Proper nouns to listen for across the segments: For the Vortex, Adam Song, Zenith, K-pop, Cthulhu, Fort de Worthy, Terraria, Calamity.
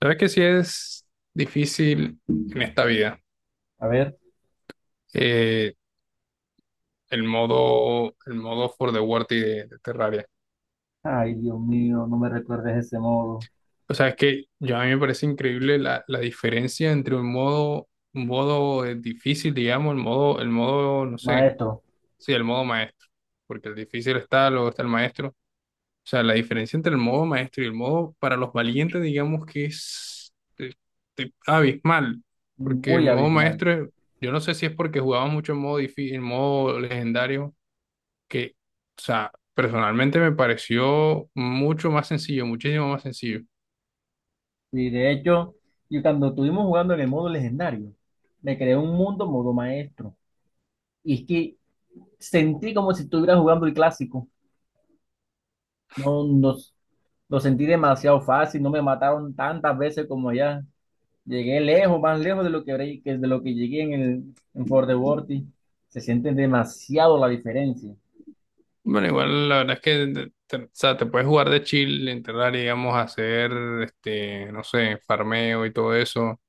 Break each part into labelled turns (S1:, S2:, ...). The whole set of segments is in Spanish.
S1: Sabes que sí es difícil en esta vida
S2: A ver,
S1: eh, el modo for the worthy de Terraria.
S2: ay Dios mío, no me recuerdes de ese modo.
S1: O sea, es que yo a mí me parece increíble la diferencia entre un modo, un modo difícil, digamos, no sé,
S2: Maestro,
S1: sí, el modo maestro. Porque el difícil está, luego está el maestro. O sea, la diferencia entre el modo maestro y el modo para los valientes, digamos que es abismal, porque el
S2: muy
S1: modo
S2: abismal.
S1: maestro, yo no sé si es porque jugaba mucho en modo difícil, en modo legendario, que, o sea, personalmente me pareció mucho más sencillo, muchísimo más sencillo.
S2: Y de hecho, cuando estuvimos jugando en el modo legendario, me creé un mundo modo maestro. Y es que sentí como si estuviera jugando el clásico. No, no, lo sentí demasiado fácil, no me mataron tantas veces como allá. Llegué lejos, más lejos de lo que, habré- que de lo que llegué en el en Fort de Worthy. Se siente demasiado la diferencia.
S1: Bueno, igual la verdad es que te, o sea, te puedes jugar de chill, entrar, digamos, a hacer, este, no sé, farmeo y todo eso,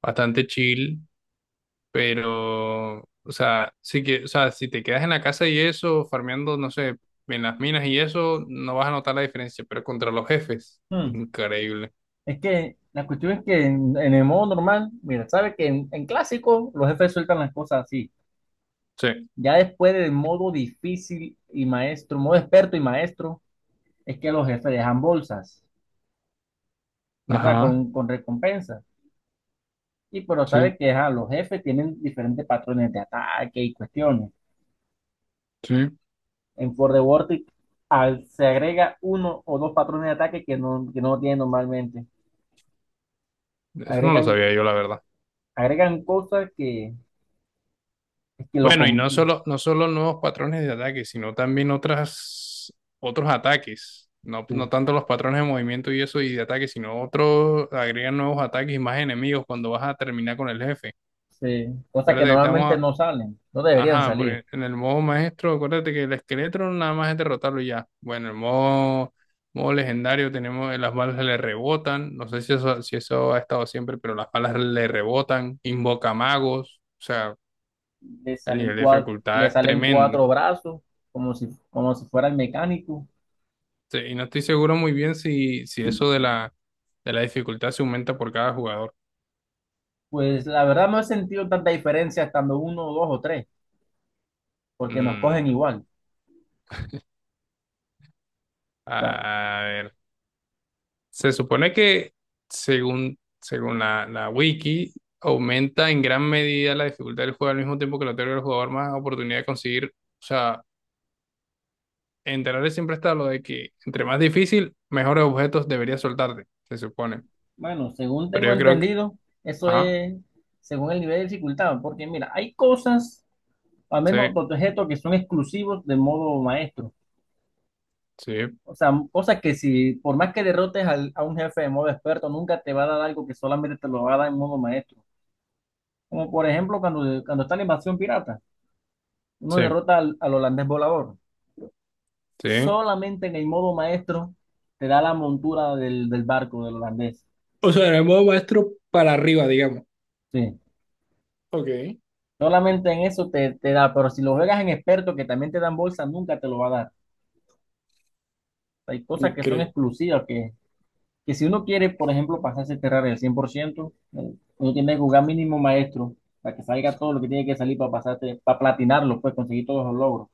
S1: bastante chill. Pero, o sea, sí que, o sea, si te quedas en la casa y eso, farmeando, no sé, en las minas y eso, no vas a notar la diferencia, pero contra los jefes,
S2: Hmm.
S1: increíble.
S2: Es que la cuestión es que en el modo normal, mira, sabe que en clásico los jefes sueltan las cosas así.
S1: Sí,
S2: Ya después del modo difícil y maestro, modo experto y maestro, es que los jefes dejan bolsas, ¿verdad?
S1: ajá,
S2: Con recompensas. Y pero
S1: sí,
S2: sabe que ajá, los jefes tienen diferentes patrones de ataque y cuestiones.
S1: sí.
S2: En For the Vortex se agrega uno o dos patrones de ataque que no tienen normalmente.
S1: Eso no lo
S2: Agregan,
S1: sabía yo, la verdad.
S2: agregan cosas que, que lo...
S1: Bueno, y no
S2: compl-
S1: solo, no solo nuevos patrones de ataque, sino también otras, otros ataques. No, no
S2: sí.
S1: tanto los patrones de movimiento y eso y de ataque, sino otros agregan nuevos ataques y más enemigos cuando vas a terminar con el jefe.
S2: sí. cosas que
S1: Acuérdate que
S2: normalmente
S1: estamos.
S2: no salen, no deberían
S1: Ajá,
S2: salir.
S1: porque en el modo maestro, acuérdate que el esqueleto nada más es derrotarlo y ya. Bueno, en el modo, modo legendario tenemos, las balas le rebotan, no sé si eso, si eso ha estado siempre, pero las balas le rebotan, invoca magos, o sea,
S2: Le
S1: el
S2: salen
S1: nivel de
S2: cuatro,
S1: dificultad
S2: le
S1: es
S2: salen
S1: tremendo.
S2: cuatro brazos, como si fuera el mecánico.
S1: Sí, y no estoy seguro muy bien si, si eso de la dificultad se aumenta por cada jugador.
S2: Pues la verdad no he sentido tanta diferencia estando uno, dos o tres, porque nos cogen
S1: Mm,
S2: igual. O sea,
S1: a ver. Se supone que, según, según la wiki, aumenta en gran medida la dificultad del juego al mismo tiempo que le otorga al jugador más oportunidad de conseguir. O sea, en Terraria siempre está lo de que entre más difícil, mejores objetos deberías soltarte, se supone.
S2: bueno, según
S1: Pero
S2: tengo
S1: yo creo que...
S2: entendido, eso
S1: Ajá,
S2: es según el nivel de dificultad, porque mira, hay cosas, al
S1: sí,
S2: menos los objetos que son exclusivos de modo maestro.
S1: sí,
S2: O sea, cosas que si, por más que derrotes a un jefe de modo experto, nunca te va a dar algo que solamente te lo va a dar en modo maestro. Como por ejemplo cuando está la invasión pirata, uno
S1: sí,
S2: derrota al holandés volador.
S1: sí.
S2: Solamente en el modo maestro te da la montura del barco del holandés.
S1: O sea, en el modo maestro para arriba, digamos.
S2: Sí.
S1: Ok,
S2: Solamente en eso te da, pero si lo juegas en experto, que también te dan bolsa, nunca te lo va a dar. Hay cosas que son
S1: increíble.
S2: exclusivas, que si uno quiere, por ejemplo, pasarse a Terraria al 100%, uno tiene que jugar mínimo maestro para que salga todo lo que tiene que salir para pasarte, para platinarlo, pues conseguir todos los logros.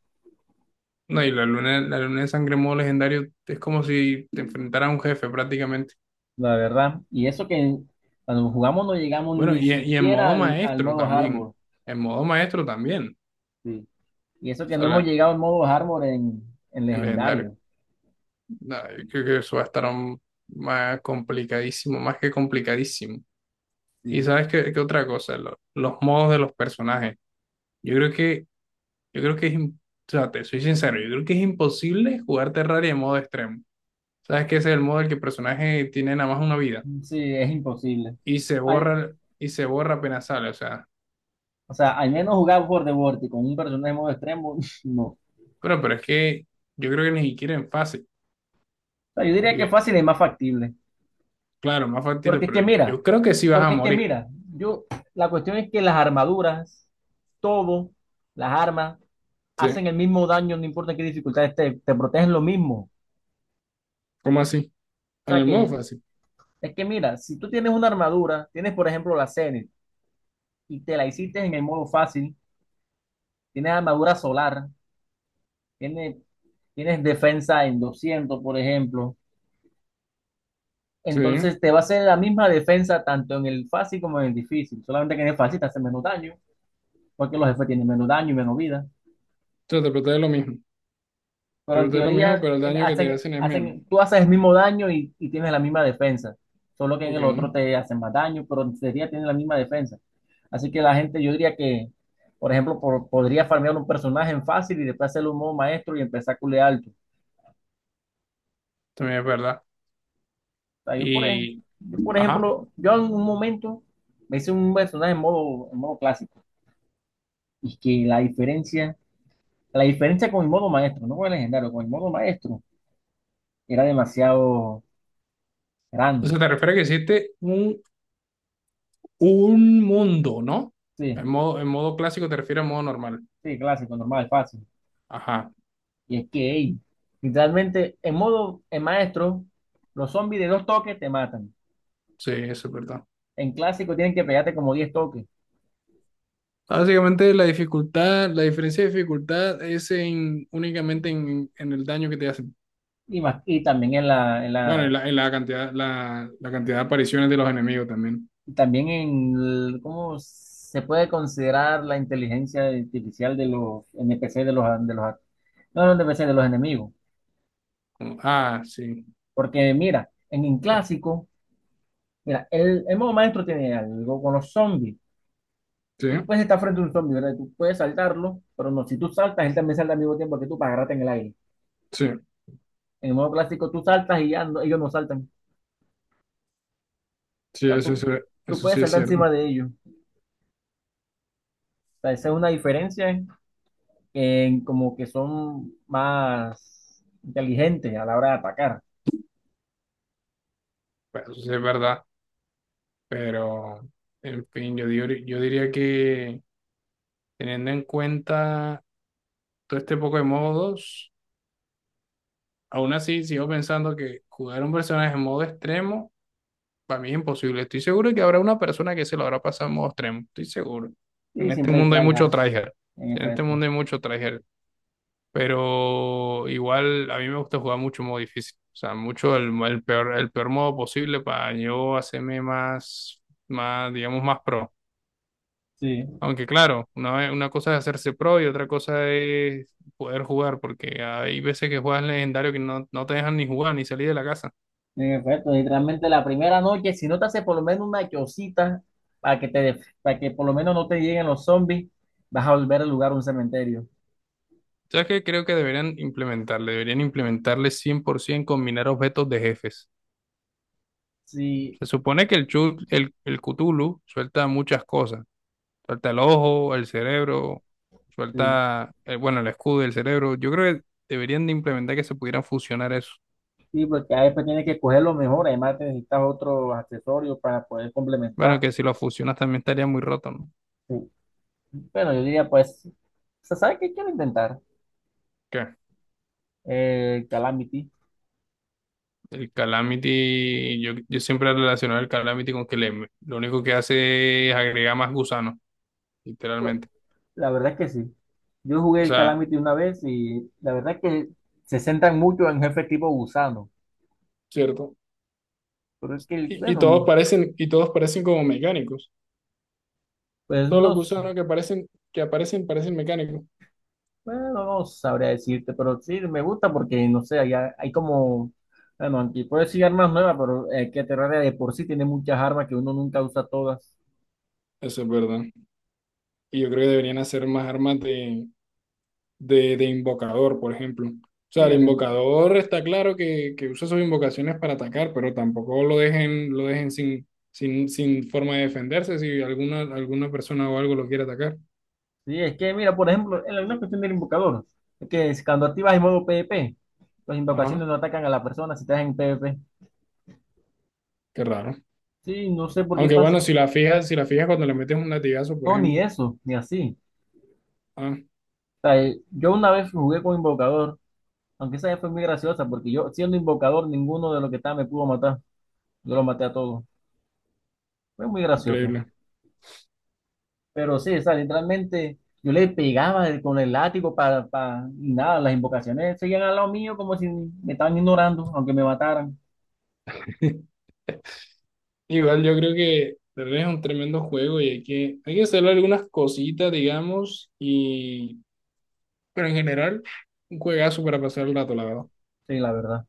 S1: No, y la luna de sangre en modo legendario es como si te enfrentara a un jefe prácticamente.
S2: La verdad. Y eso que cuando jugamos no llegamos
S1: Bueno,
S2: ni
S1: y, y en
S2: siquiera
S1: modo
S2: al
S1: maestro
S2: modo
S1: también.
S2: hardcore.
S1: En modo maestro también.
S2: Sí. Y eso
S1: O
S2: que
S1: sea,
S2: no hemos llegado al modo hardcore en
S1: el legendario.
S2: legendario.
S1: Nada, yo creo que eso va a estar aún más complicadísimo, más que complicadísimo. Y
S2: Sí.
S1: sabes qué, qué otra cosa, los modos de los personajes. Yo creo que, yo creo que es, o sea, te soy sincero, yo creo que es imposible jugar Terraria en modo extremo. Sabes que ese es el modo en el que el personaje tiene nada más una vida
S2: Sí, es imposible.
S1: y se
S2: Al-
S1: borra, y se borra apenas sale. O sea,
S2: o sea, al menos jugar por the Vortex con un personaje en modo extremo, no. O
S1: bueno, pero es que yo creo que ni siquiera en fácil.
S2: sea, yo diría que fácil es más factible.
S1: Claro, más factible,
S2: Porque es
S1: pero
S2: que mira,
S1: yo creo que sí vas a
S2: porque es que
S1: morir.
S2: mira, yo, la cuestión es que las armaduras, todo, las armas,
S1: Sí.
S2: hacen el mismo daño, no importa qué dificultad esté, te protegen lo mismo.
S1: ¿Cómo así?
S2: O
S1: En
S2: sea
S1: el modo
S2: que
S1: fácil.
S2: Es que mira, si tú tienes una armadura, tienes por ejemplo la Zenith y te la hiciste en el modo fácil, tienes armadura solar, tienes, tienes defensa en 200, por ejemplo,
S1: Sí. O
S2: entonces te va a hacer la misma defensa tanto en el fácil como en el difícil, solamente que en el fácil te hace menos daño, porque los jefes tienen menos daño y menos vida,
S1: sea, te protege lo mismo. Te
S2: pero en
S1: protege lo mismo,
S2: teoría
S1: pero el daño que te
S2: hacen,
S1: hacen es menos.
S2: hacen, tú haces el mismo daño y tienes la misma defensa, solo que en
S1: Ok.
S2: el otro te hacen más daño, pero en teoría tienes la misma defensa. Así que la gente, yo diría que, por ejemplo, podría farmear un personaje en fácil y después hacerle un modo maestro y empezar a culear alto. O
S1: También es verdad.
S2: sea,
S1: Y.
S2: yo, por
S1: Ajá.
S2: ejemplo, yo en un momento me hice un personaje en modo, clásico. Y que la diferencia con el modo maestro, no con el legendario, con el modo maestro, era demasiado
S1: O
S2: grande.
S1: sea, te refieres a que existe un mundo, ¿no?
S2: Sí,
S1: En modo clásico te refieres a modo normal.
S2: sí, clásico, normal, fácil.
S1: Ajá.
S2: Y es que, ey, literalmente, en modo en maestro, los zombies de dos toques te matan.
S1: Sí, eso es verdad.
S2: En clásico tienen que pegarte como 10 toques.
S1: Básicamente la dificultad, la diferencia de dificultad es en, únicamente en el daño que te hacen.
S2: Y también en la, en
S1: Bueno,
S2: la,
S1: y la cantidad, la cantidad de apariciones de los enemigos también.
S2: cómo se puede considerar la inteligencia artificial de los NPC de los, no, no NPC de los enemigos.
S1: Como, ah, sí,
S2: Porque mira, en un clásico, mira, el modo maestro tiene algo con los zombies.
S1: sí,
S2: Tú puedes estar frente a un zombie, ¿verdad? Tú puedes saltarlo, pero no, si tú saltas, él también salta al mismo tiempo que tú para agarrarte en el aire.
S1: sí,
S2: En el modo clásico, tú saltas y ellos no saltan. O
S1: sí,
S2: sea,
S1: eso,
S2: tú,
S1: eso,
S2: tú
S1: eso
S2: puedes
S1: sí es
S2: saltar
S1: cierto.
S2: encima de ellos. O sea, esa es una diferencia, como que son más inteligentes a la hora de atacar.
S1: Pues, eso sí es verdad. Pero, en fin, yo, yo diría que teniendo en cuenta todo este poco de modos, aún así sigo pensando que jugar un personaje en modo extremo para mí es imposible. Estoy seguro que habrá una persona que se lo habrá pasado en modo extremo. Estoy seguro. En
S2: Sí,
S1: este
S2: siempre hay
S1: mundo hay mucho
S2: tryhard,
S1: tryhard.
S2: en
S1: En este
S2: efecto.
S1: mundo hay mucho tryhard. Pero igual a mí me gusta jugar mucho modo difícil. O sea, mucho el peor modo posible para yo hacerme más, más, digamos, más pro.
S2: Sí.
S1: Aunque claro, una cosa es hacerse pro y otra cosa es poder jugar, porque hay veces que juegas legendario que no, no te dejan ni jugar ni salir de la casa.
S2: En efecto, y realmente la primera noche, si no te hace por lo menos una chocita para para que por lo menos no te lleguen los zombies, vas a volver al lugar un cementerio.
S1: ¿Sabes qué? Creo que deberían implementarle 100% combinar objetos de jefes.
S2: Sí,
S1: Se supone que el Cthulhu suelta muchas cosas. Suelta el ojo, el cerebro,
S2: Sí,
S1: suelta, bueno, el escudo y el cerebro. Yo creo que deberían de implementar que se pudieran fusionar eso.
S2: sí, porque a veces tienes que coger lo mejor, además te necesitas otros accesorios para poder
S1: Bueno,
S2: complementar.
S1: que si lo fusionas también estaría muy roto, ¿no?
S2: Sí. Bueno, yo diría, pues, ¿se sabe qué quiero intentar?
S1: ¿Qué?
S2: Calamity.
S1: El Calamity, yo siempre he relacionado el Calamity con que le, lo único que hace es agregar más gusanos, literalmente.
S2: La verdad es que sí. Yo jugué
S1: O
S2: el
S1: sea,
S2: Calamity una vez y la verdad es que se centran mucho en jefe tipo gusano.
S1: ¿cierto?
S2: Pero es que, bueno,
S1: Y todos parecen como mecánicos.
S2: pues
S1: Todos
S2: no,
S1: los gusanos que aparecen, parecen mecánicos.
S2: bueno, no sabría decirte, pero sí me gusta porque, no sé, hay como, bueno, aquí puedo decir armas nuevas, pero que Terraria de por sí tiene muchas armas que uno nunca usa todas.
S1: Eso es verdad. Y yo creo que deberían hacer más armas de invocador, por ejemplo. O sea,
S2: Sí,
S1: el invocador está claro que usa sus invocaciones para atacar, pero tampoco lo dejen, lo dejen sin, sin, sin forma de defenderse si alguna, alguna persona o algo lo quiere atacar.
S2: sí, es que, mira, por ejemplo, en una cuestión del invocador, es que es cuando activas el modo PvP, las
S1: Ajá,
S2: invocaciones no atacan a la persona si estás en PvP.
S1: qué raro.
S2: Sí, no sé por qué
S1: Aunque bueno,
S2: pasa.
S1: si la fijas, si la fijas cuando le metes un latigazo, por
S2: No, ni
S1: ejemplo.
S2: eso, ni así.
S1: Ah,
S2: O sea, yo una vez jugué con invocador, aunque esa vez fue muy graciosa, porque yo siendo invocador, ninguno de los que estaba me pudo matar. Yo lo maté a todos. Fue muy gracioso.
S1: increíble.
S2: Pero sí, o sea, literalmente yo le pegaba con el látigo para, y nada, las invocaciones seguían al lado mío como si me estaban ignorando, aunque me mataran.
S1: Igual yo creo que de verdad es un tremendo juego y hay que hacerle algunas cositas, digamos, y pero en general, un juegazo para pasar el rato, la verdad.
S2: Sí, la verdad.